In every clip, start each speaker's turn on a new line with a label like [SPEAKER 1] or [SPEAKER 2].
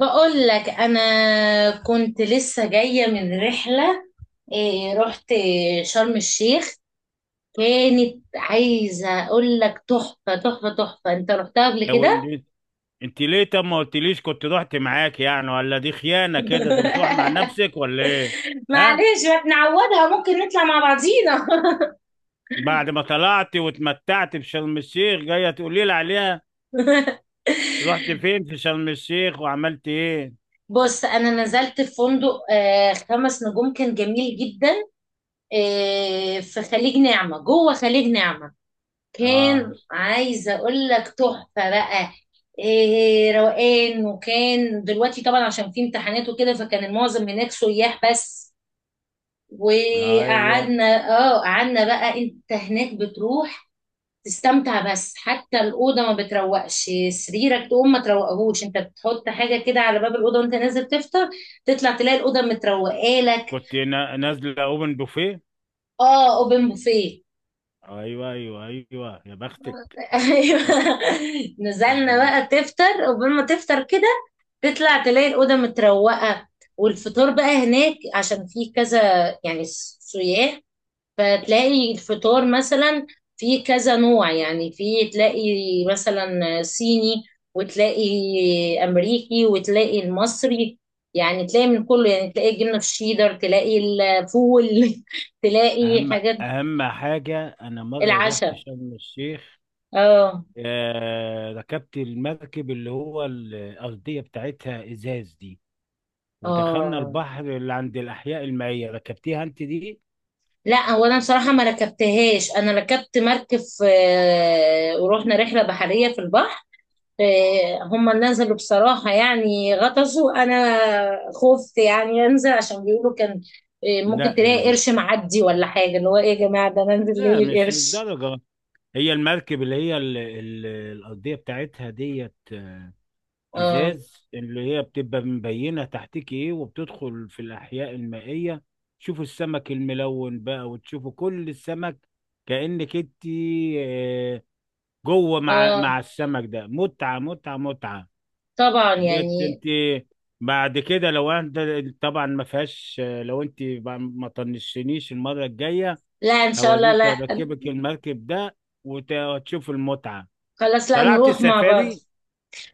[SPEAKER 1] بقول لك انا كنت لسه جايه من رحله. رحت شرم الشيخ. كانت عايزه اقول لك تحفه تحفه تحفه. انت رحتها قبل
[SPEAKER 2] لو
[SPEAKER 1] كده؟
[SPEAKER 2] إن- انت ليه، طب ما قلتليش كنت رحت معاك يعني؟ ولا دي خيانة كده، انت بتروح مع نفسك ولا ايه؟ ها.
[SPEAKER 1] معلش، ما تنعودها، ممكن نطلع مع بعضينا.
[SPEAKER 2] بعد ما طلعت واتمتعت في شرم الشيخ جاية تقولي لي عليها؟ رحت فين في شرم الشيخ وعملت ايه؟
[SPEAKER 1] بص، انا نزلت في فندق خمس نجوم، كان جميل جدا. في خليج نعمه، جوه خليج نعمه.
[SPEAKER 2] اه.
[SPEAKER 1] كان عايزه اقول لك تحفه بقى. إيه، روقان. وكان دلوقتي طبعا عشان في امتحانات وكده، فكان المعظم هناك سياح بس.
[SPEAKER 2] ايوه.
[SPEAKER 1] وقعدنا. اه، قعدنا بقى. انت هناك بتروح تستمتع. بس حتى الاوضه ما بتروقش، سريرك تقوم ما تروقهوش، انت بتحط حاجه كده على باب الاوضه وانت نازل تفطر، تطلع تلاقي الاوضه متروقه لك.
[SPEAKER 2] كنت نازلة اوبن بوفيه.
[SPEAKER 1] اه، اوبن بوفيه.
[SPEAKER 2] ايوه ايوه ايوه يا بختك.
[SPEAKER 1] ايوه.
[SPEAKER 2] م-
[SPEAKER 1] نزلنا
[SPEAKER 2] م-
[SPEAKER 1] بقى تفطر. قبل ما تفطر كده تطلع تلاقي الأوضة متروقة. والفطور بقى هناك عشان في كذا يعني سياح. فتلاقي الفطور مثلا في كذا نوع، يعني في تلاقي مثلا صيني، وتلاقي أمريكي، وتلاقي المصري، يعني تلاقي من كله، يعني تلاقي جبنة في الشيدر، تلاقي الفول، تلاقي
[SPEAKER 2] اهم
[SPEAKER 1] حاجات.
[SPEAKER 2] اهم حاجة، انا مرة رحت
[SPEAKER 1] العشاء.
[SPEAKER 2] شرم الشيخ،
[SPEAKER 1] اه.
[SPEAKER 2] ركبت المركب اللي هو الأرضية بتاعتها إزاز دي، ودخلنا
[SPEAKER 1] اه،
[SPEAKER 2] البحر اللي عند الأحياء المائية. ركبتيها أنت دي؟
[SPEAKER 1] لا، هو انا بصراحه ما ركبتهاش. انا ركبت مركب في ورحنا رحله بحريه في البحر. هم نزلوا بصراحه يعني، غطسوا. انا خفت يعني انزل، عشان بيقولوا كان ممكن
[SPEAKER 2] لا.
[SPEAKER 1] تلاقي قرش معدي ولا حاجه. اللي هو ايه يا جماعه، ده انا انزل
[SPEAKER 2] لا،
[SPEAKER 1] ليه
[SPEAKER 2] مش
[SPEAKER 1] للقرش؟
[SPEAKER 2] للدرجة. هي المركب اللي هي الأرضية بتاعتها ديت،
[SPEAKER 1] اه.
[SPEAKER 2] إزاز، اللي هي بتبقى مبينة تحتك إيه وبتدخل في الأحياء المائية، تشوفوا السمك الملون بقى وتشوفوا كل السمك، كأنك أنت آه، جوه مع
[SPEAKER 1] اه
[SPEAKER 2] مع السمك ده. متعة متعة متعة
[SPEAKER 1] طبعا
[SPEAKER 2] ديت
[SPEAKER 1] يعني.
[SPEAKER 2] انت. بعد كده لو انت، طبعا ما فيهاش، لو انت بقى ما طنشتنيش المره الجايه،
[SPEAKER 1] لا، ان شاء الله.
[SPEAKER 2] هوريك
[SPEAKER 1] لا
[SPEAKER 2] اركبك المركب ده وتشوف المتعه.
[SPEAKER 1] خلاص، لا
[SPEAKER 2] طلعت
[SPEAKER 1] نروح مع بعض.
[SPEAKER 2] سفاري،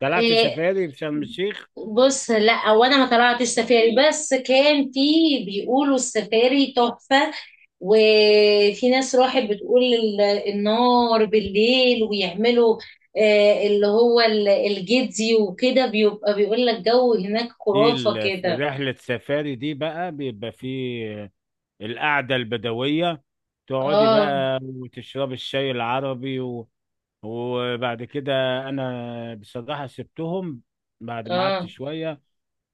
[SPEAKER 2] طلعت
[SPEAKER 1] آه،
[SPEAKER 2] سفاري في شرم الشيخ.
[SPEAKER 1] بص، لا وانا ما طلعتش سفاري، بس كان في بيقولوا السفاري تحفة. وفي ناس راحت بتقول النار بالليل ويعملوا اللي هو الجدي وكده، بيبقى بيقول لك جو هناك
[SPEAKER 2] دي
[SPEAKER 1] خرافة
[SPEAKER 2] في
[SPEAKER 1] كده.
[SPEAKER 2] رحله سفاري دي بقى بيبقى فيه القعده البدويه، تقعدي
[SPEAKER 1] اه.
[SPEAKER 2] بقى وتشربي الشاي العربي وبعد كده انا بصراحه سبتهم بعد ما قعدت
[SPEAKER 1] اه.
[SPEAKER 2] شويه،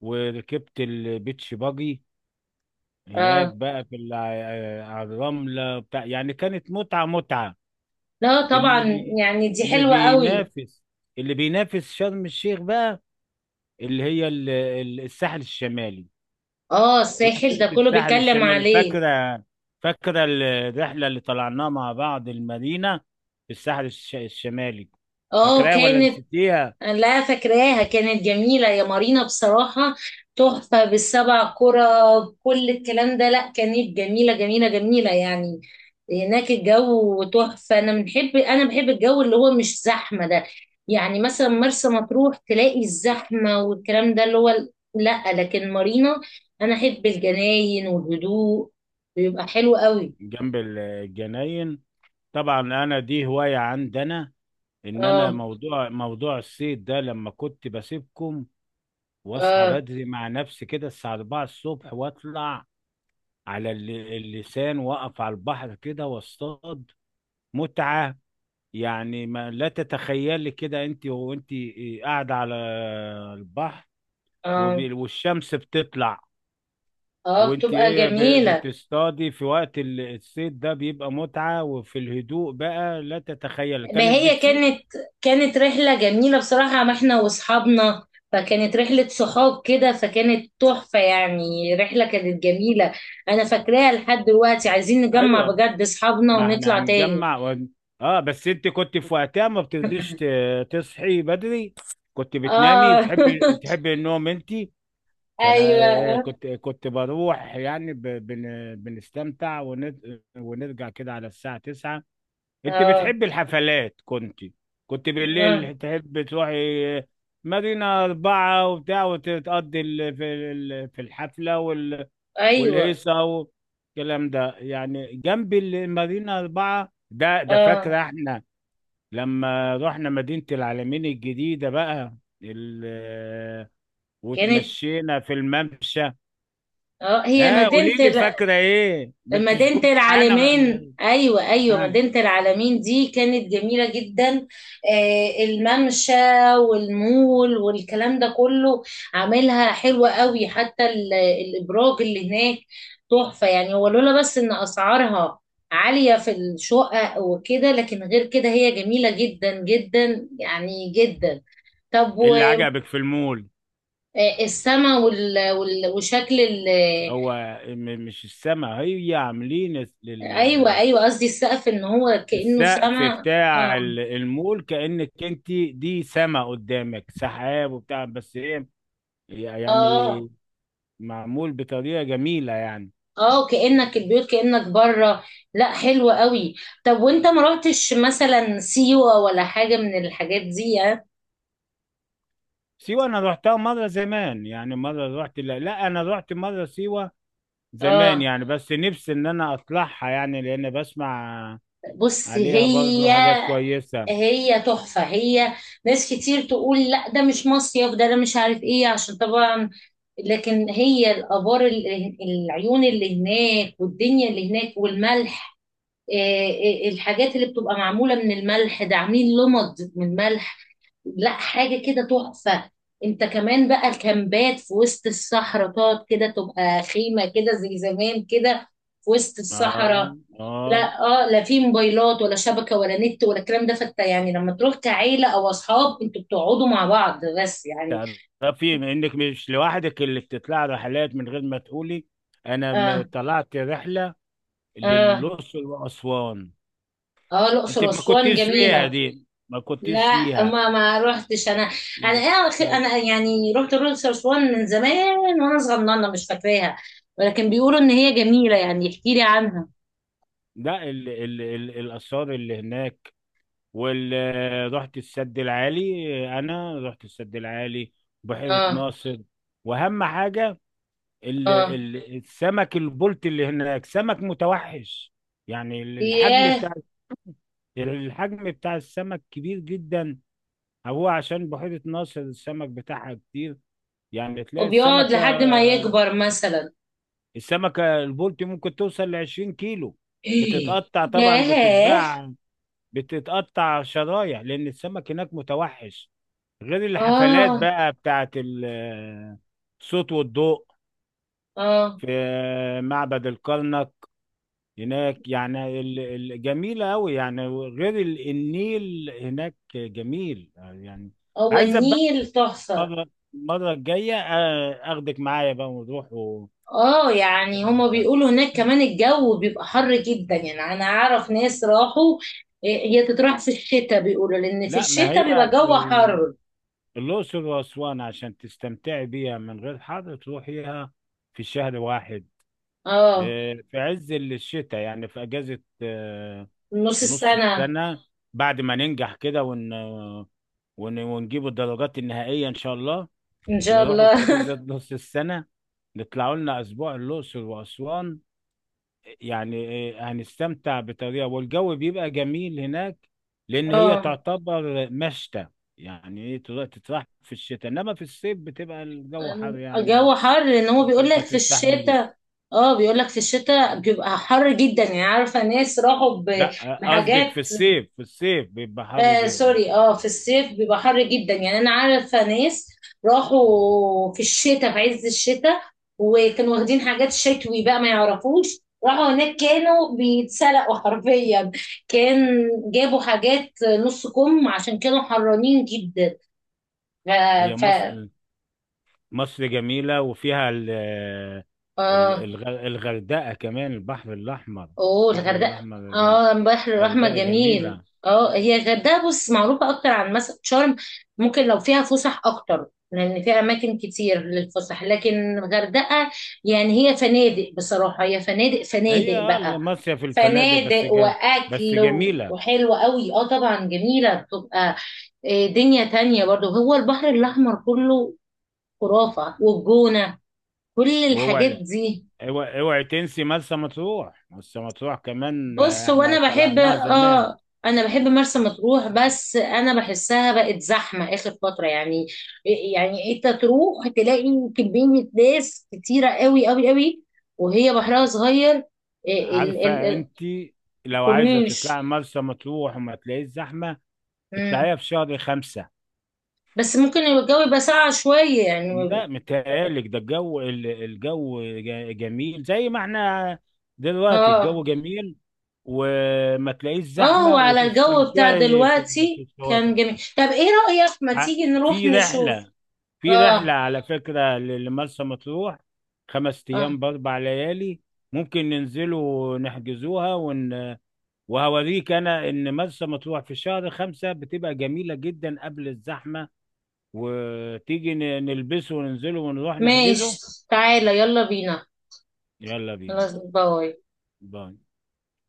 [SPEAKER 2] وركبت البيتش باجي هناك
[SPEAKER 1] اه،
[SPEAKER 2] بقى في على الرملة بتاع. يعني كانت متعة متعة.
[SPEAKER 1] لا
[SPEAKER 2] اللي
[SPEAKER 1] طبعا
[SPEAKER 2] بي
[SPEAKER 1] يعني دي
[SPEAKER 2] اللي
[SPEAKER 1] حلوة قوي.
[SPEAKER 2] بينافس اللي بينافس شرم الشيخ بقى، اللي هي الساحل الشمالي.
[SPEAKER 1] اه،
[SPEAKER 2] رحت
[SPEAKER 1] الساحل ده
[SPEAKER 2] انت
[SPEAKER 1] كله
[SPEAKER 2] الساحل
[SPEAKER 1] بيتكلم
[SPEAKER 2] الشمالي؟
[SPEAKER 1] عليه.
[SPEAKER 2] فاكرة؟ فاكرة الرحلة اللي طلعناها مع بعض المارينا في الساحل الشمالي؟
[SPEAKER 1] اه،
[SPEAKER 2] فاكراها ولا
[SPEAKER 1] كانت
[SPEAKER 2] نسيتيها؟
[SPEAKER 1] لا، فاكراها، كانت جميلة يا مارينا بصراحة، تحفة بالسبع كرة، كل الكلام ده. لا، كانت جميلة جميلة جميلة يعني. هناك الجو تحفة. أنا بحب الجو اللي هو مش زحمة ده. يعني مثلا مرسى مطروح تلاقي الزحمة والكلام ده، اللي هو لا، لكن مارينا أنا أحب الجناين والهدوء، بيبقى حلو قوي.
[SPEAKER 2] جنب الجناين. طبعا انا دي هواية عندنا، ان انا
[SPEAKER 1] اه.
[SPEAKER 2] موضوع الصيد ده لما كنت بسيبكم واصحى
[SPEAKER 1] اه.
[SPEAKER 2] بدري مع نفسي كده الساعه 4 الصبح، واطلع على اللسان، واقف على البحر كده واصطاد. متعه، يعني ما لا تتخيلي كده، انت وانت قاعده على البحر
[SPEAKER 1] اه.
[SPEAKER 2] والشمس بتطلع،
[SPEAKER 1] اه،
[SPEAKER 2] وانت
[SPEAKER 1] بتبقى
[SPEAKER 2] ايه
[SPEAKER 1] جميلة.
[SPEAKER 2] بتصطادي في وقت الصيد ده، بيبقى متعه. وفي الهدوء بقى لا تتخيل،
[SPEAKER 1] ما
[SPEAKER 2] كانت
[SPEAKER 1] هي
[SPEAKER 2] بتفيد.
[SPEAKER 1] كانت رحلة جميلة بصراحة، ما احنا واصحابنا، فكانت رحلة صحاب كده، فكانت تحفة يعني، رحلة كانت جميلة. انا فاكراها لحد دلوقتي، عايزين نجمع
[SPEAKER 2] أيوة.
[SPEAKER 1] بجد اصحابنا
[SPEAKER 2] ما احنا
[SPEAKER 1] ونطلع تاني.
[SPEAKER 2] هنجمع و... اه بس انت كنت في وقتها ما بترضيش تصحي بدري، كنت بتنامي،
[SPEAKER 1] اه.
[SPEAKER 2] بتحبي بتحبي النوم انت. فانا
[SPEAKER 1] ايوه.
[SPEAKER 2] كنت بروح يعني بنستمتع ونرجع كده على الساعة 9. انت
[SPEAKER 1] اه.
[SPEAKER 2] بتحبي الحفلات، كنت
[SPEAKER 1] آه.
[SPEAKER 2] بالليل تحب تروحي، مارينا أربعة وبتاع، وتقضي في الحفلة
[SPEAKER 1] ايوه.
[SPEAKER 2] والهيصة والكلام ده، يعني جنب المارينا أربعة ده.
[SPEAKER 1] اه،
[SPEAKER 2] فاكرة احنا لما رحنا مدينة العالمين الجديدة بقى، ال
[SPEAKER 1] كانت.
[SPEAKER 2] وتمشينا في الممشى؟
[SPEAKER 1] اه، هي
[SPEAKER 2] ها، قولي
[SPEAKER 1] مدينة
[SPEAKER 2] لي فاكرة ايه؟ ما انتش كنت
[SPEAKER 1] مدينة
[SPEAKER 2] معانا ولا
[SPEAKER 1] العالمين،
[SPEAKER 2] ايه؟
[SPEAKER 1] أيوة أيوة،
[SPEAKER 2] ها.
[SPEAKER 1] مدينة العالمين دي كانت جميلة جدا. الممشى والمول والكلام ده كله، عاملها حلوة قوي، حتى الإبراج اللي هناك تحفة يعني. هو لولا بس إن أسعارها عالية في الشقق وكده، لكن غير كده هي جميلة جدا جدا يعني، جدا. طب،
[SPEAKER 2] إيه اللي عجبك في المول؟
[SPEAKER 1] والسما وشكل
[SPEAKER 2] هو مش السما، هي عاملين
[SPEAKER 1] ايوه، ايوه، قصدي السقف ان هو كانه
[SPEAKER 2] السقف
[SPEAKER 1] سما.
[SPEAKER 2] بتاع
[SPEAKER 1] اه.
[SPEAKER 2] المول كأنك انت دي سما قدامك، سحاب وبتاع، بس هي
[SPEAKER 1] اه.
[SPEAKER 2] يعني معمول بطريقة جميلة يعني.
[SPEAKER 1] اه، كانك البيوت، كانك بره. لا، حلو قوي. طب، وانت ما رحتش مثلا سيوه ولا حاجه من الحاجات دي؟ اه.
[SPEAKER 2] سيوة، أنا روحتها مرة زمان يعني، مرة روحت، لا, لا، أنا روحت مرة سيوة زمان
[SPEAKER 1] آه.
[SPEAKER 2] يعني. بس نفسي إن أنا أطلعها، يعني لأن بسمع
[SPEAKER 1] بص،
[SPEAKER 2] عليها برضو
[SPEAKER 1] هي
[SPEAKER 2] حاجات كويسة.
[SPEAKER 1] هي تحفه هي. ناس كتير تقول لا ده مش مصيف ده، انا مش عارف ايه عشان طبعا، لكن هي الآبار، العيون اللي هناك والدنيا اللي هناك والملح، الحاجات اللي بتبقى معمولة من الملح ده، عاملين لمض من ملح. لا، حاجة كده تحفة. انت كمان بقى الكامبات في وسط الصحراء، تقعد كده، تبقى خيمة كده زي زمان كده في وسط
[SPEAKER 2] آه.
[SPEAKER 1] الصحراء.
[SPEAKER 2] آه.
[SPEAKER 1] لا. اه، لا في موبايلات ولا شبكة ولا نت ولا الكلام ده، فانت يعني لما تروح كعيلة او اصحاب، انتوا بتقعدوا مع بعض بس يعني.
[SPEAKER 2] تعرفي إنك مش لوحدك اللي بتطلع رحلات من غير ما تقولي؟ أنا
[SPEAKER 1] اه.
[SPEAKER 2] طلعت رحلة
[SPEAKER 1] اه.
[SPEAKER 2] للأقصر وأسوان.
[SPEAKER 1] اه،
[SPEAKER 2] أنت
[SPEAKER 1] الاقصر
[SPEAKER 2] ما
[SPEAKER 1] واسوان
[SPEAKER 2] كنتيش فيها
[SPEAKER 1] جميلة.
[SPEAKER 2] دي، ما كنتيش
[SPEAKER 1] لا،
[SPEAKER 2] فيها.
[SPEAKER 1] ما روحتش انا. انا انا يعني رحت الأقصر وأسوان من زمان وانا صغننه، مش فاكراها. ولكن بيقولوا ان هي جميله يعني، احكي لي عنها.
[SPEAKER 2] لا، ال ال ال الآثار اللي هناك، رحت السد العالي. أنا رحت السد العالي، بحيرة
[SPEAKER 1] اه.
[SPEAKER 2] ناصر. وأهم حاجة، ال
[SPEAKER 1] اه.
[SPEAKER 2] ال السمك البلطي اللي هناك، سمك متوحش. يعني
[SPEAKER 1] ياه،
[SPEAKER 2] الحجم بتاع السمك كبير جدا. هو عشان بحيرة ناصر السمك بتاعها كتير. يعني تلاقي
[SPEAKER 1] وبيقعد لحد ما يكبر مثلا.
[SPEAKER 2] السمكة البلطي ممكن توصل ل 20 كيلو.
[SPEAKER 1] إيه.
[SPEAKER 2] بتتقطع طبعا
[SPEAKER 1] ياه.
[SPEAKER 2] بتتباع، بتتقطع شرايح لان السمك هناك متوحش. غير الحفلات
[SPEAKER 1] اه.
[SPEAKER 2] بقى بتاعت الصوت والضوء
[SPEAKER 1] اه،
[SPEAKER 2] في معبد الكرنك هناك، يعني جميلة أوي. يعني غير النيل هناك جميل يعني.
[SPEAKER 1] هو
[SPEAKER 2] عايز بقى
[SPEAKER 1] النيل تحفه.
[SPEAKER 2] مرة، المرة الجاية، أخدك معايا بقى ونروح.
[SPEAKER 1] اه، يعني هما بيقولوا هناك كمان الجو بيبقى حر جدا يعني، انا اعرف ناس راحوا. هي تتراح في الشتاء بيقولوا، لان في
[SPEAKER 2] لا، ما
[SPEAKER 1] الشتاء
[SPEAKER 2] هي
[SPEAKER 1] بيبقى جو
[SPEAKER 2] ال-
[SPEAKER 1] حر.
[SPEAKER 2] الأقصر وأسوان عشان تستمتعي بيها من غير حر تروحيها في شهر واحد،
[SPEAKER 1] اه،
[SPEAKER 2] في عز الشتاء يعني، في أجازة
[SPEAKER 1] نص
[SPEAKER 2] نص
[SPEAKER 1] السنة.
[SPEAKER 2] السنة. بعد ما ننجح كده ونجيب الدرجات النهائية إن شاء الله،
[SPEAKER 1] ان شاء
[SPEAKER 2] نروحوا في
[SPEAKER 1] الله.
[SPEAKER 2] أجازة نص السنة، نطلعوا لنا أسبوع الأقصر وأسوان يعني. هنستمتع بطريقة، والجو بيبقى جميل هناك لأن هي
[SPEAKER 1] اه،
[SPEAKER 2] تعتبر مشتى. يعني إيه، تتراح في الشتاء، إنما في الصيف بتبقى الجو حر يعني،
[SPEAKER 1] الجو حر ان هو بيقول
[SPEAKER 2] ممكن
[SPEAKER 1] لك
[SPEAKER 2] ما
[SPEAKER 1] في
[SPEAKER 2] تستحمليش.
[SPEAKER 1] الشتاء. اه، بيقول لك في الشتاء بيبقى حر جدا يعني، عارفة ناس راحوا
[SPEAKER 2] لا، قصدك
[SPEAKER 1] بحاجات.
[SPEAKER 2] في الصيف، بيبقى حر جدا.
[SPEAKER 1] سوري، اه في الصيف بيبقى حر جدا يعني، انا عارفة ناس راحوا في الشتاء، في عز الشتاء، وكانوا واخدين حاجات شتوي بقى، ما يعرفوش راحوا هناك كانوا بيتسلقوا حرفيا. كان جابوا حاجات نص كم عشان كانوا حرانين جدا. آه،
[SPEAKER 2] هي
[SPEAKER 1] ف
[SPEAKER 2] مصر، مصر جميلة وفيها
[SPEAKER 1] اه.
[SPEAKER 2] الغردقة كمان، البحر الأحمر.
[SPEAKER 1] اوه،
[SPEAKER 2] البحر
[SPEAKER 1] الغردقه.
[SPEAKER 2] الأحمر جميل،
[SPEAKER 1] اه، البحر الاحمر
[SPEAKER 2] الغردقة
[SPEAKER 1] جميل.
[SPEAKER 2] جميلة.
[SPEAKER 1] اه، هي الغردقه، بص، معروفه اكتر عن مثلا شرم. ممكن لو فيها فسح اكتر، لان في اماكن كتير للفسح، لكن الغردقه يعني هي فنادق بصراحه، هي فنادق
[SPEAKER 2] هي
[SPEAKER 1] فنادق
[SPEAKER 2] آه
[SPEAKER 1] بقى.
[SPEAKER 2] المصيف في الفنادق بس
[SPEAKER 1] فنادق
[SPEAKER 2] بس
[SPEAKER 1] واكل
[SPEAKER 2] جميلة.
[SPEAKER 1] وحلوه قوي. اه طبعا جميله بتبقى. دنيا تانية برضو، هو البحر الاحمر كله خرافه، والجونه، كل الحاجات
[SPEAKER 2] واوعي،
[SPEAKER 1] دي.
[SPEAKER 2] اوعي اوعي تنسي مرسى مطروح، مرسى مطروح كمان،
[SPEAKER 1] بص،
[SPEAKER 2] احنا
[SPEAKER 1] وانا بحب
[SPEAKER 2] طلعناها زمان.
[SPEAKER 1] اه انا بحب مرسى مطروح، بس انا بحسها بقت زحمه اخر فتره يعني. يعني انت تروح تلاقي كميه ناس كتيره قوي قوي قوي. وهي بحرها صغير، ال- ال-
[SPEAKER 2] عارفة
[SPEAKER 1] ال-
[SPEAKER 2] انت، لو عايزة
[SPEAKER 1] الكورنيش.
[SPEAKER 2] تطلعي مرسى مطروح وما تلاقيش زحمة،
[SPEAKER 1] مم.
[SPEAKER 2] اطلعيها في شهر خمسة.
[SPEAKER 1] بس ممكن الجو يبقى ساقع شويه يعني.
[SPEAKER 2] لا متهيألك، ده الجو، جميل زي ما احنا دلوقتي
[SPEAKER 1] اه.
[SPEAKER 2] الجو جميل، وما تلاقيش
[SPEAKER 1] اه،
[SPEAKER 2] زحمة
[SPEAKER 1] وعلى الجو بتاع
[SPEAKER 2] وتستمتعي في في
[SPEAKER 1] دلوقتي
[SPEAKER 2] الشواطئ.
[SPEAKER 1] كان جميل. طب ايه رايك، ما
[SPEAKER 2] ع-
[SPEAKER 1] تيجي نروح
[SPEAKER 2] في
[SPEAKER 1] نشوف؟
[SPEAKER 2] رحلة في
[SPEAKER 1] اه.
[SPEAKER 2] رحلة على فكرة لمرسى مطروح، خمس أيام
[SPEAKER 1] اه.
[SPEAKER 2] بأربع ليالي، ممكن ننزلوا نحجزوها وهوريك أنا إن مرسى مطروح في شهر خمسة بتبقى جميلة جدا قبل الزحمة. وتيجي نلبسه وننزله ونروح نحجزه.
[SPEAKER 1] ماشي، تعالى، يلا بينا.
[SPEAKER 2] يلا بينا.
[SPEAKER 1] خلاص، باي.
[SPEAKER 2] باي.